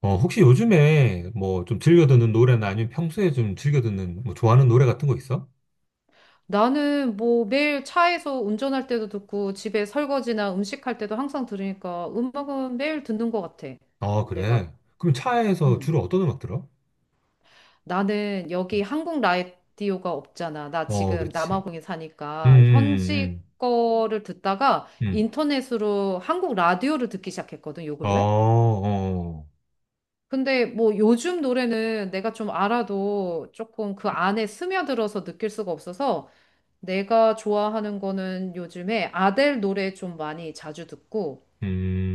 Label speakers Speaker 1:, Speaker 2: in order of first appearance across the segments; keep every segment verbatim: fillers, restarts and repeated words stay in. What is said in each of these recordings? Speaker 1: 어, 혹시 요즘에 뭐 좀 즐겨 듣는 노래나 아니면 평소에 좀 즐겨 듣는 뭐 좋아하는 노래 같은 거 있어?
Speaker 2: 나는 뭐 매일 차에서 운전할 때도 듣고 집에 설거지나 음식할 때도 항상 들으니까 음악은 매일 듣는 것 같아.
Speaker 1: 아,
Speaker 2: 내가.
Speaker 1: 그래. 그럼 차에서
Speaker 2: 음.
Speaker 1: 주로 어떤 음악 들어?
Speaker 2: 나는 여기 한국 라디오가 없잖아. 나
Speaker 1: 어,
Speaker 2: 지금
Speaker 1: 그렇지.
Speaker 2: 남아공에
Speaker 1: 음,
Speaker 2: 사니까 현지
Speaker 1: 음,
Speaker 2: 거를 듣다가
Speaker 1: 음, 음.
Speaker 2: 인터넷으로 한국 라디오를 듣기 시작했거든, 요
Speaker 1: 음. 어,
Speaker 2: 근래?
Speaker 1: 어,
Speaker 2: 근데 뭐 요즘 노래는 내가 좀 알아도 조금 그 안에 스며들어서 느낄 수가 없어서 내가 좋아하는 거는 요즘에 아델 노래 좀 많이 자주 듣고,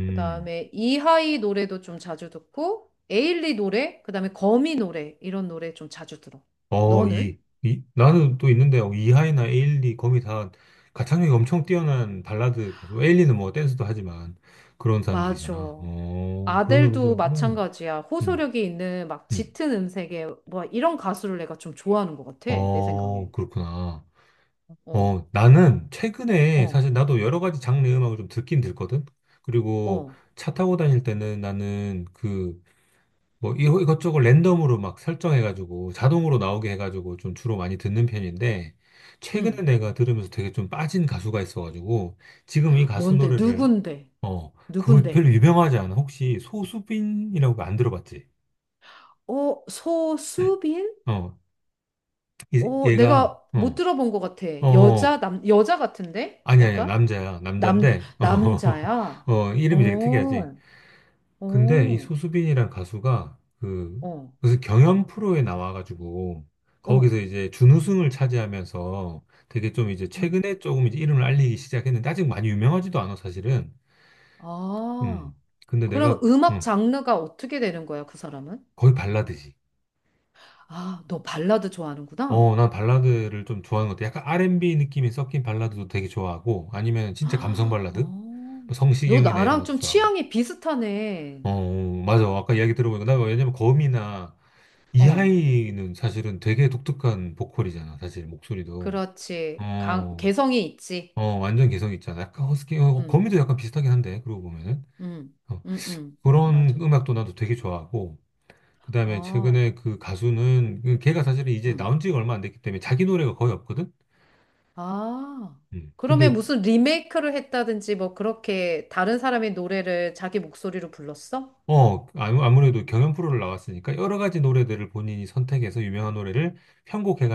Speaker 2: 그 다음에 이하이 노래도 좀 자주 듣고, 에일리 노래, 그 다음에 거미 노래, 이런 노래 좀 자주 들어.
Speaker 1: 어,
Speaker 2: 너는?
Speaker 1: 이, 이, 나는 또 있는데, 어, 이하이나 에일리, 거미 다 가창력이 엄청 뛰어난 발라드, 가수. 뭐 에일리는 뭐 댄스도 하지만 그런
Speaker 2: 맞아.
Speaker 1: 사람들이잖아. 어, 그런 노래
Speaker 2: 아델도
Speaker 1: 좋아하는구나.
Speaker 2: 마찬가지야.
Speaker 1: 음,
Speaker 2: 호소력이 있는 막
Speaker 1: 음.
Speaker 2: 짙은 음색의 뭐 이런 가수를 내가 좀 좋아하는 것 같아. 내 생각에.
Speaker 1: 어, 그렇구나.
Speaker 2: 어,
Speaker 1: 어, 나는 최근에
Speaker 2: 어,
Speaker 1: 사실 나도 여러 가지 장르 음악을 좀 듣긴 듣거든. 그리고
Speaker 2: 어,
Speaker 1: 차 타고 다닐 때는 나는 그 뭐 이것저것 랜덤으로 막 설정해가지고 자동으로 나오게 해가지고 좀 주로 많이 듣는 편인데 최근에
Speaker 2: 응.
Speaker 1: 내가 들으면서 되게 좀 빠진 가수가 있어가지고 지금 이 가수
Speaker 2: 뭔데?
Speaker 1: 노래를
Speaker 2: 누군데?
Speaker 1: 어, 그거
Speaker 2: 누군데?
Speaker 1: 별로 유명하지 않아. 혹시 소수빈이라고 안 들어봤지?
Speaker 2: 어, 소수빈?
Speaker 1: 어, 이-
Speaker 2: 어,
Speaker 1: 얘가
Speaker 2: 내가 못
Speaker 1: 어,
Speaker 2: 들어본 것 같아.
Speaker 1: 어,
Speaker 2: 여자, 남, 여자 같은데?
Speaker 1: 아니, 아니야.
Speaker 2: 약간?
Speaker 1: 남자야.
Speaker 2: 남,
Speaker 1: 남잔데, 어,
Speaker 2: 남자야?
Speaker 1: 어,
Speaker 2: 어,
Speaker 1: 이름이 되게 특이하지.
Speaker 2: 어,
Speaker 1: 근데 이 소수빈이란 가수가 그,
Speaker 2: 어,
Speaker 1: 무슨 경연 프로에 나와가지고,
Speaker 2: 어.
Speaker 1: 거기서 이제 준우승을 차지하면서 되게 좀 이제
Speaker 2: 음.
Speaker 1: 최근에 조금 이제 이름을 알리기 시작했는데, 아직 많이 유명하지도 않아, 사실은.
Speaker 2: 아,
Speaker 1: 음. 근데
Speaker 2: 그럼
Speaker 1: 내가,
Speaker 2: 음악
Speaker 1: 음,
Speaker 2: 장르가 어떻게 되는 거야, 그 사람은?
Speaker 1: 거의 발라드지.
Speaker 2: 아, 너 발라드 좋아하는구나.
Speaker 1: 어, 난 발라드를 좀 좋아하는 것 같아. 약간 알앤비 느낌이 섞인 발라드도 되게 좋아하고, 아니면 진짜 감성
Speaker 2: 아,
Speaker 1: 발라드?
Speaker 2: 어,
Speaker 1: 뭐
Speaker 2: 너
Speaker 1: 성시경이나 이런
Speaker 2: 나랑
Speaker 1: 것도
Speaker 2: 좀
Speaker 1: 좋아하고.
Speaker 2: 취향이 비슷하네.
Speaker 1: 어, 어, 맞아. 아까 이야기 들어보니까 나 왜냐면 거미나
Speaker 2: 어,
Speaker 1: 이하이는 사실은 되게 독특한 보컬이잖아. 사실 목소리도.
Speaker 2: 그렇지. 강,
Speaker 1: 어,
Speaker 2: 개성이 있지.
Speaker 1: 어, 완전 개성 있잖아. 약간 허스키, 어,
Speaker 2: 응,
Speaker 1: 거미도 약간 비슷하긴 한데, 그러고 보면은.
Speaker 2: 응,
Speaker 1: 어,
Speaker 2: 응, 응.
Speaker 1: 그런
Speaker 2: 맞아.
Speaker 1: 음악도 나도 되게 좋아하고, 그 다음에
Speaker 2: 아,
Speaker 1: 최근에 그 가수는, 그 걔가 사실은 이제
Speaker 2: 응.
Speaker 1: 나온 지가 얼마 안 됐기 때문에 자기 노래가 거의 없거든?
Speaker 2: 아,
Speaker 1: 음.
Speaker 2: 그러면
Speaker 1: 근데
Speaker 2: 무슨 리메이크를 했다든지 뭐 그렇게 다른 사람의 노래를 자기 목소리로 불렀어?
Speaker 1: 어, 아무- 아무래도 경연 프로를 나왔으니까 여러 가지 노래들을 본인이 선택해서 유명한 노래를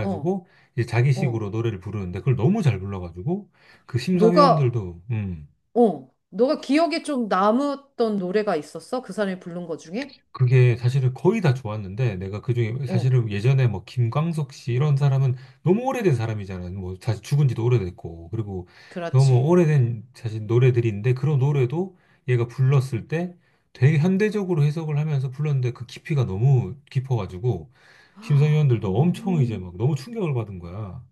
Speaker 2: 어,
Speaker 1: 이제
Speaker 2: 어.
Speaker 1: 자기식으로 노래를 부르는데 그걸 너무 잘 불러가지고 그
Speaker 2: 너가,
Speaker 1: 심사위원들도 음,
Speaker 2: 어, 너가 기억에 좀 남았던 노래가 있었어? 그 사람이 부른 거 중에?
Speaker 1: 그게 사실은 거의 다 좋았는데 내가 그중에
Speaker 2: 어,
Speaker 1: 사실은 예전에 뭐 김광석 씨 이런 사람은 너무 오래된 사람이잖아. 뭐 사실 죽은 지도 오래됐고 그리고 너무
Speaker 2: 그렇지.
Speaker 1: 오래된 사실 노래들인데 그런 노래도 얘가 불렀을 때 되게 현대적으로 해석을 하면서 불렀는데 그 깊이가 너무 깊어가지고 심사위원들도 엄청 이제 막
Speaker 2: 음.
Speaker 1: 너무 충격을 받은 거야.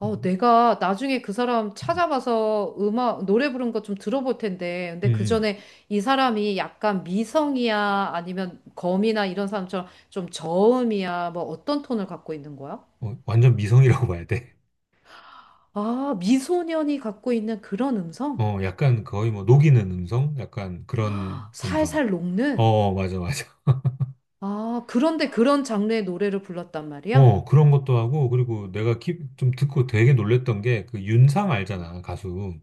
Speaker 2: 어,
Speaker 1: 음,
Speaker 2: 내가 나중에 그 사람
Speaker 1: 음,
Speaker 2: 찾아봐서 음악, 노래 부른 거 좀 들어볼 텐데. 근데 그
Speaker 1: 음.
Speaker 2: 전에 이 사람이 약간 미성이야? 아니면 검이나 이런 사람처럼 좀 저음이야? 뭐 어떤 톤을 갖고 있는 거야?
Speaker 1: 어, 완전 미성이라고 봐야 돼.
Speaker 2: 아, 미소년이 갖고 있는 그런 음성?
Speaker 1: 어, 약간 거의 뭐 녹이는 음성, 약간 그런 음성.
Speaker 2: 살살 녹는?
Speaker 1: 어, 맞아, 맞아.
Speaker 2: 아, 그런데 그런 장르의 노래를 불렀단 말이야?
Speaker 1: 어, 그런 것도 하고, 그리고 내가 키- 좀 듣고 되게 놀랬던 게, 그 윤상
Speaker 2: 음.
Speaker 1: 알잖아, 가수.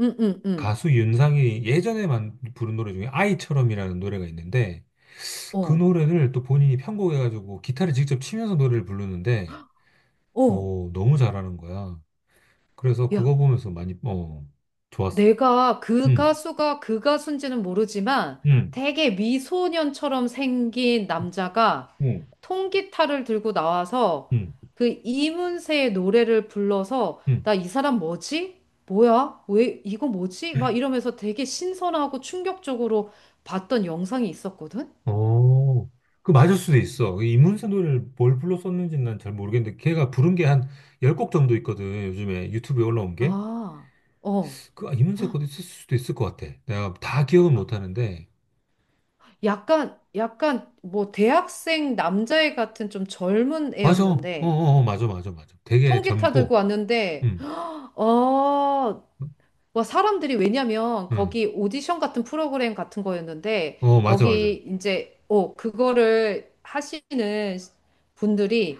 Speaker 2: 응, 응, 응.
Speaker 1: 가수 윤상이 예전에 만 부른 노래 중에 아이처럼이라는 노래가 있는데, 그
Speaker 2: 어,
Speaker 1: 노래를 또 본인이 편곡해가지고 기타를 직접 치면서 노래를 부르는데,
Speaker 2: 어.
Speaker 1: 어, 너무 잘하는 거야. 그래서
Speaker 2: 야,
Speaker 1: 그거 보면서 많이, 어, 좋았어.
Speaker 2: 내가 그
Speaker 1: 응,
Speaker 2: 가수가 그 가수인지는 모르지만
Speaker 1: 응,
Speaker 2: 되게 미소년처럼 생긴 남자가
Speaker 1: 응,
Speaker 2: 통기타를 들고 나와서
Speaker 1: 응,
Speaker 2: 그 이문세의 노래를 불러서 나 이 사람 뭐지? 뭐야? 왜 이거 뭐지? 막
Speaker 1: 응.
Speaker 2: 이러면서 되게 신선하고 충격적으로 봤던 영상이 있었거든?
Speaker 1: 어, 그 맞을 수도 있어. 이 이문세 노래를 뭘 불러 썼는지는 난 잘 모르겠는데 걔가 부른 게 한 열 곡 정도 있거든. 요즘에 유튜브에 올라온 게.
Speaker 2: 아, 어.
Speaker 1: 그 아, 이문세 것도 있을 수도 있을 것 같아. 내가 다 기억은
Speaker 2: 아,
Speaker 1: 못 하는데.
Speaker 2: 약간, 약간 뭐 대학생 남자애 같은 좀 젊은
Speaker 1: 맞아. 어, 어,
Speaker 2: 애였는데
Speaker 1: 어, 맞아, 맞아, 맞아. 되게
Speaker 2: 통기타 들고
Speaker 1: 젊고.
Speaker 2: 왔는데
Speaker 1: 응.
Speaker 2: 어, 와, 사람들이 왜냐면
Speaker 1: 응.
Speaker 2: 거기 오디션 같은 프로그램 같은 거였는데
Speaker 1: 어, 맞아,
Speaker 2: 거기
Speaker 1: 맞아.
Speaker 2: 이제 어, 그거를 하시는 분들이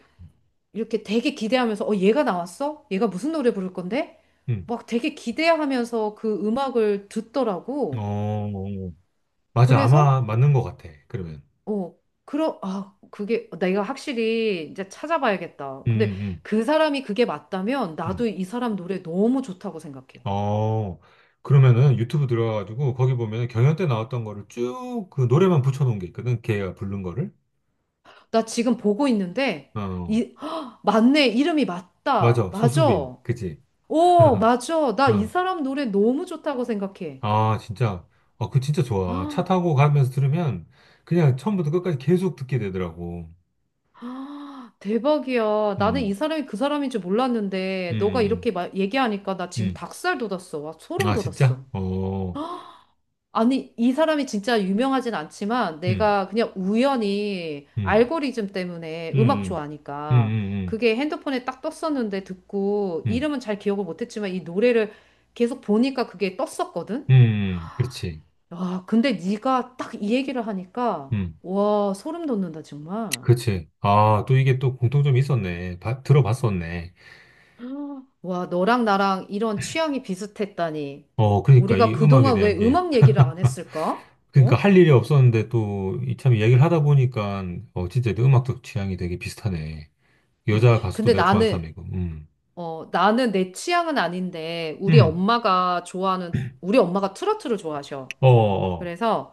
Speaker 2: 이렇게 되게 기대하면서 어, 얘가 나왔어? 얘가 무슨 노래 부를 건데?
Speaker 1: 응.
Speaker 2: 막 되게 기대하면서 그 음악을
Speaker 1: 어,
Speaker 2: 듣더라고.
Speaker 1: 어, 어. 맞아.
Speaker 2: 그래서
Speaker 1: 아마 맞는 것 같아. 그러면.
Speaker 2: 어, 그러 아, 그게 내가 확실히 이제 찾아봐야겠다. 근데
Speaker 1: 응, 응.
Speaker 2: 그 사람이 그게 맞다면
Speaker 1: 응.
Speaker 2: 나도 이 사람 노래 너무 좋다고 생각해.
Speaker 1: 어, 그러면은 유튜브 들어가가지고 거기 보면은 경연 때 나왔던 거를 쭉 그 노래만 붙여놓은 게 있거든. 걔가 부른 거를.
Speaker 2: 나 지금 보고 있는데,
Speaker 1: 어,
Speaker 2: 이, 헉, 맞네. 이름이 맞다.
Speaker 1: 맞아. 소수빈.
Speaker 2: 맞아.
Speaker 1: 그지?
Speaker 2: 오, 맞아. 나 이
Speaker 1: 어.
Speaker 2: 사람 노래 너무 좋다고 생각해.
Speaker 1: 아, 진짜. 어, 그 진짜 좋아. 차
Speaker 2: 아,
Speaker 1: 타고 가면서 들으면 그냥 처음부터 끝까지 계속 듣게 되더라고.
Speaker 2: 아, 대박이야. 나는 이
Speaker 1: 음,
Speaker 2: 사람이 그 사람인 줄 몰랐는데, 너가
Speaker 1: 음,
Speaker 2: 이렇게 마- 얘기하니까 나
Speaker 1: 음,
Speaker 2: 지금
Speaker 1: 음.
Speaker 2: 닭살 돋았어. 와, 소름
Speaker 1: 아, 진짜?
Speaker 2: 돋았어.
Speaker 1: 어,
Speaker 2: 아니, 이 사람이 진짜 유명하진 않지만
Speaker 1: 음,
Speaker 2: 내가 그냥 우연히
Speaker 1: 음,
Speaker 2: 알고리즘 때문에
Speaker 1: 음,
Speaker 2: 음악
Speaker 1: 음, 음,
Speaker 2: 좋아하니까
Speaker 1: 음, 음,
Speaker 2: 그게 핸드폰에 딱 떴었는데 듣고
Speaker 1: 음,
Speaker 2: 이름은 잘 기억을 못했지만 이 노래를 계속 보니까 그게 떴었거든?
Speaker 1: 음, 음, 음. 그렇지.
Speaker 2: 와, 근데 네가 딱 이 얘기를 하니까
Speaker 1: 음,
Speaker 2: 와, 소름 돋는다, 정말.
Speaker 1: 그렇지. 아, 또 이게 또 공통점이 있었네. 봐- 들어봤었네.
Speaker 2: 와, 너랑 나랑 이런 취향이 비슷했다니.
Speaker 1: 어, 그러니까
Speaker 2: 우리가
Speaker 1: 이 음악에
Speaker 2: 그동안
Speaker 1: 대한
Speaker 2: 왜
Speaker 1: 게
Speaker 2: 음악 얘기를 안 했을까?
Speaker 1: 그러니까
Speaker 2: 어?
Speaker 1: 할 일이 없었는데 또 이 참 이야기를 하다 보니까 어 진짜 내 음악적 취향이 되게 비슷하네.
Speaker 2: 음,
Speaker 1: 여자 가수도
Speaker 2: 근데
Speaker 1: 내가 좋아하는
Speaker 2: 나는
Speaker 1: 사람이고. 음.
Speaker 2: 어, 나는 내 취향은 아닌데, 우리
Speaker 1: 음.
Speaker 2: 엄마가 좋아하는, 우리 엄마가 트로트를 좋아하셔.
Speaker 1: 어, 어.
Speaker 2: 그래서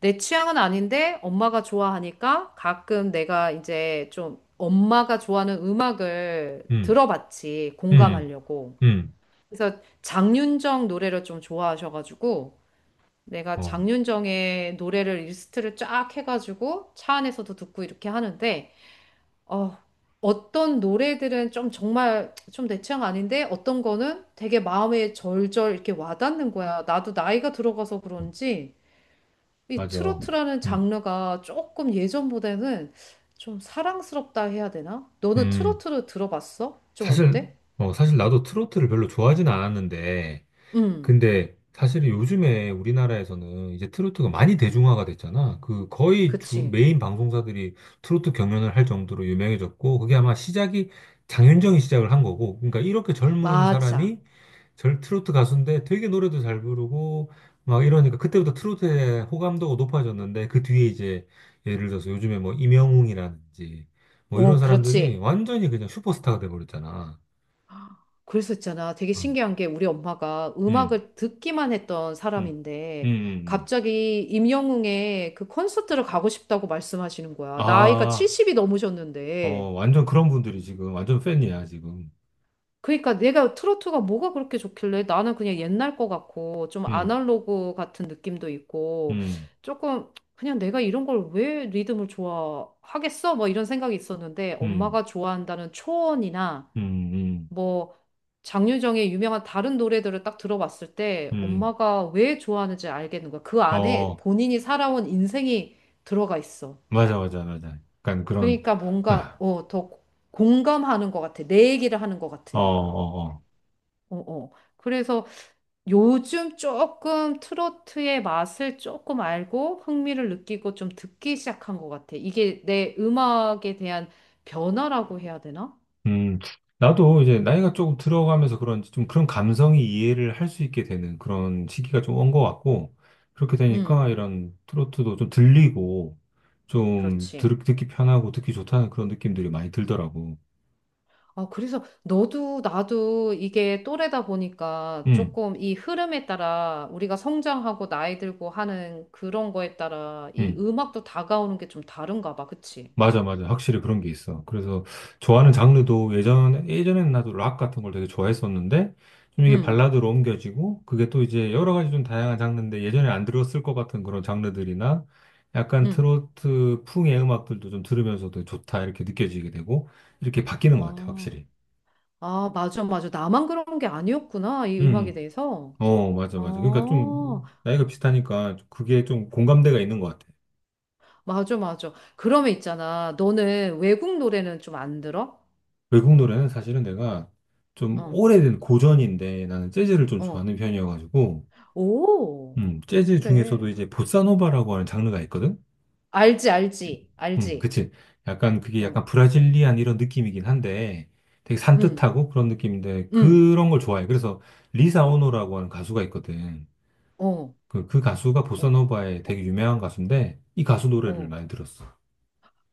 Speaker 2: 내 취향은 아닌데, 엄마가 좋아하니까 가끔 내가 이제 좀 엄마가 좋아하는 음악을
Speaker 1: 음.
Speaker 2: 들어봤지,
Speaker 1: 음.
Speaker 2: 공감하려고.
Speaker 1: 음.
Speaker 2: 그래서 장윤정 노래를 좀 좋아하셔가지고, 내가
Speaker 1: 어.
Speaker 2: 장윤정의 노래를 리스트를 쫙 해가지고 차 안에서도 듣고 이렇게 하는데, 어, 어떤 노래들은 좀 정말 좀 내 취향 아닌데 어떤 거는 되게 마음에 절절 이렇게 와닿는 거야. 나도 나이가 들어가서 그런지 이
Speaker 1: 맞아.
Speaker 2: 트로트라는
Speaker 1: 음.
Speaker 2: 장르가 조금 예전보다는 좀 사랑스럽다 해야 되나? 너는
Speaker 1: 음.
Speaker 2: 트로트를 들어봤어? 좀
Speaker 1: 사실
Speaker 2: 어때?
Speaker 1: 어 사실 나도 트로트를 별로 좋아하진 않았는데
Speaker 2: 음,
Speaker 1: 근데 사실 요즘에 우리나라에서는 이제 트로트가 많이 대중화가 됐잖아. 그 거의 주
Speaker 2: 그치.
Speaker 1: 메인 방송사들이 트로트 경연을 할 정도로 유명해졌고 그게 아마 시작이 장윤정이 시작을 한 거고. 그러니까 이렇게 젊은
Speaker 2: 맞아.
Speaker 1: 사람이 절 트로트 가수인데 되게 노래도 잘 부르고 막 이러니까 그때부터 트로트의 호감도가 높아졌는데 그 뒤에 이제 예를 들어서 요즘에 뭐 임영웅이라든지 뭐 이런
Speaker 2: 오,
Speaker 1: 사람들이
Speaker 2: 그렇지.
Speaker 1: 완전히 그냥 슈퍼스타가 돼버렸잖아.
Speaker 2: 그래서 있잖아. 되게
Speaker 1: 음.
Speaker 2: 신기한 게 우리 엄마가
Speaker 1: 음.
Speaker 2: 음악을 듣기만 했던
Speaker 1: 음. 음.
Speaker 2: 사람인데
Speaker 1: 음. 음.
Speaker 2: 갑자기 임영웅의 그 콘서트를 가고 싶다고 말씀하시는 거야. 나이가
Speaker 1: 아,
Speaker 2: 칠십이
Speaker 1: 어,
Speaker 2: 넘으셨는데.
Speaker 1: 완전 그런 분들이 지금 완전 팬이야, 지금.
Speaker 2: 그러니까 내가 트로트가 뭐가 그렇게 좋길래 나는 그냥 옛날 거 같고 좀
Speaker 1: 음,
Speaker 2: 아날로그 같은 느낌도 있고
Speaker 1: 음,
Speaker 2: 조금 그냥 내가 이런 걸 왜 리듬을 좋아하겠어? 뭐 이런 생각이 있었는데
Speaker 1: 음,
Speaker 2: 엄마가 좋아한다는 초원이나
Speaker 1: 음, 음,
Speaker 2: 뭐 장윤정의 유명한 다른 노래들을 딱 들어봤을 때
Speaker 1: 음.
Speaker 2: 엄마가 왜 좋아하는지 알겠는 거야. 그 안에
Speaker 1: 어,
Speaker 2: 본인이 살아온 인생이 들어가 있어.
Speaker 1: 맞아, 맞아, 맞아. 약간 그런,
Speaker 2: 그러니까 뭔가 어, 더 공감하는 것 같아. 내 얘기를 하는 것
Speaker 1: 어,
Speaker 2: 같으니까.
Speaker 1: 어, 어.
Speaker 2: 어, 어. 그래서 요즘 조금 트로트의 맛을 조금 알고 흥미를 느끼고 좀 듣기 시작한 것 같아. 이게 내 음악에 대한 변화라고 해야 되나?
Speaker 1: 음, 나도 이제 나이가 조금 들어가면서 그런지 좀 그런 감성이 이해를 할 수 있게 되는 그런 시기가 좀 온 것 같고, 그렇게
Speaker 2: 음,
Speaker 1: 되니까 이런 트로트도 좀 들리고, 좀
Speaker 2: 그렇지.
Speaker 1: 들, 듣기 편하고 듣기 좋다는 그런 느낌들이 많이 들더라고.
Speaker 2: 아, 그래서 너도 나도 이게 또래다 보니까
Speaker 1: 음,
Speaker 2: 조금 이 흐름에 따라 우리가 성장하고 나이 들고 하는 그런 거에 따라 이
Speaker 1: 음.
Speaker 2: 음악도 다가오는 게 좀 다른가 봐. 그치?
Speaker 1: 맞아, 맞아. 확실히 그런 게 있어. 그래서 좋아하는 장르도 예전, 예전에는 나도 락 같은 걸 되게 좋아했었는데, 좀 이게
Speaker 2: 응,
Speaker 1: 발라드로 옮겨지고, 그게 또 이제 여러 가지 좀 다양한 장르인데, 예전에 안 들었을 것 같은 그런 장르들이나, 약간
Speaker 2: 응.
Speaker 1: 트로트 풍의 음악들도 좀 들으면서도 좋다, 이렇게 느껴지게 되고, 이렇게 바뀌는 것 같아,
Speaker 2: 아,
Speaker 1: 확실히.
Speaker 2: 아, 맞아, 맞아. 나만 그런 게 아니었구나. 이
Speaker 1: 음,
Speaker 2: 음악에
Speaker 1: 음.
Speaker 2: 대해서.
Speaker 1: 어, 맞아,
Speaker 2: 아,
Speaker 1: 맞아. 그러니까 좀, 나이가 비슷하니까, 그게 좀 공감대가 있는 것 같아.
Speaker 2: 맞아, 맞아. 그러면 있잖아. 너는 외국 노래는 좀 안 들어?
Speaker 1: 외국 노래는 사실은 내가 좀
Speaker 2: 어,
Speaker 1: 오래된 고전인데, 나는 재즈를 좀
Speaker 2: 어.
Speaker 1: 좋아하는 편이어가지고,
Speaker 2: 오,
Speaker 1: 음, 재즈 중에서도
Speaker 2: 그래.
Speaker 1: 이제 보사노바라고 하는 장르가 있거든?
Speaker 2: 알지, 알지,
Speaker 1: 음,
Speaker 2: 알지.
Speaker 1: 그치. 약간 그게
Speaker 2: 응.
Speaker 1: 약간 브라질리안 이런 느낌이긴 한데 되게
Speaker 2: 응.
Speaker 1: 산뜻하고 그런 느낌인데
Speaker 2: 음,
Speaker 1: 그런 걸 좋아해.
Speaker 2: 그치.
Speaker 1: 그래서 리사 오노라고 하는 가수가 있거든.
Speaker 2: 어,
Speaker 1: 그, 그 가수가
Speaker 2: 어,
Speaker 1: 보사노바의 되게
Speaker 2: 어,
Speaker 1: 유명한 가수인데 이 가수 노래를
Speaker 2: 어.
Speaker 1: 많이 들었어.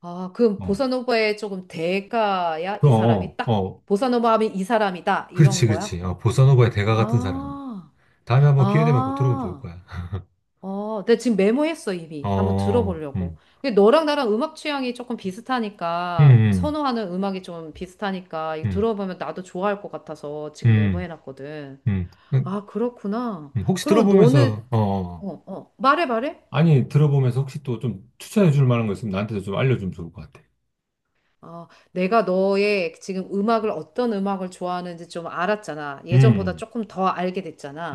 Speaker 2: 아, 그럼
Speaker 1: 어,
Speaker 2: 보사노바에 조금 대가야?
Speaker 1: 그,
Speaker 2: 이 사람이
Speaker 1: 어, 어,
Speaker 2: 딱,
Speaker 1: 어.
Speaker 2: 보사노바 하면 이 사람이다. 이런
Speaker 1: 그렇지,
Speaker 2: 거야?
Speaker 1: 그렇지. 어, 보사노바의 대가 같은 사람.
Speaker 2: 아,
Speaker 1: 다음에 한번 기회 되면 꼭 들어보면 좋을
Speaker 2: 아,
Speaker 1: 거야.
Speaker 2: 어, 내가 지금 메모했어, 이미. 한번
Speaker 1: 어,
Speaker 2: 들어보려고.
Speaker 1: 음,
Speaker 2: 근데 너랑 나랑 음악 취향이 조금 비슷하니까,
Speaker 1: 음,
Speaker 2: 선호하는 음악이 좀 비슷하니까, 이거
Speaker 1: 음,
Speaker 2: 들어보면 나도 좋아할 것 같아서 지금
Speaker 1: 음,
Speaker 2: 메모해놨거든.
Speaker 1: 음, 음.
Speaker 2: 아, 그렇구나.
Speaker 1: 음, 혹시
Speaker 2: 그럼 너는,
Speaker 1: 들어보면서, 어, 어. 어.
Speaker 2: 어, 어, 말해, 말해.
Speaker 1: 아니, 들어보면서 혹시 또 좀 추천해 줄 만한 거 있으면 나한테도 좀 알려주면 좋을 것 같아.
Speaker 2: 어, 내가 너의 지금 음악을 어떤 음악을 좋아하는지 좀 알았잖아. 예전보다
Speaker 1: 음,
Speaker 2: 조금 더 알게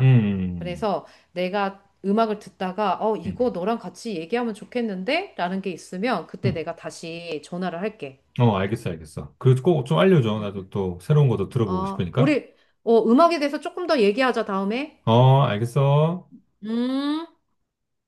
Speaker 1: 음, 음,
Speaker 2: 그래서 내가 음악을 듣다가 어,
Speaker 1: 음.
Speaker 2: 이거 너랑 같이 얘기하면 좋겠는데? 라는 게 있으면 그때
Speaker 1: 음.
Speaker 2: 내가 다시 전화를 할게.
Speaker 1: 어, 알겠어, 알겠어. 그리고 꼭 좀 알려줘. 나도
Speaker 2: 음,
Speaker 1: 또 새로운 것도
Speaker 2: 음.
Speaker 1: 들어보고
Speaker 2: 어,
Speaker 1: 싶으니까.
Speaker 2: 우리 어, 음악에 대해서 조금 더 얘기하자 다음에.
Speaker 1: 어, 알겠어.
Speaker 2: 음.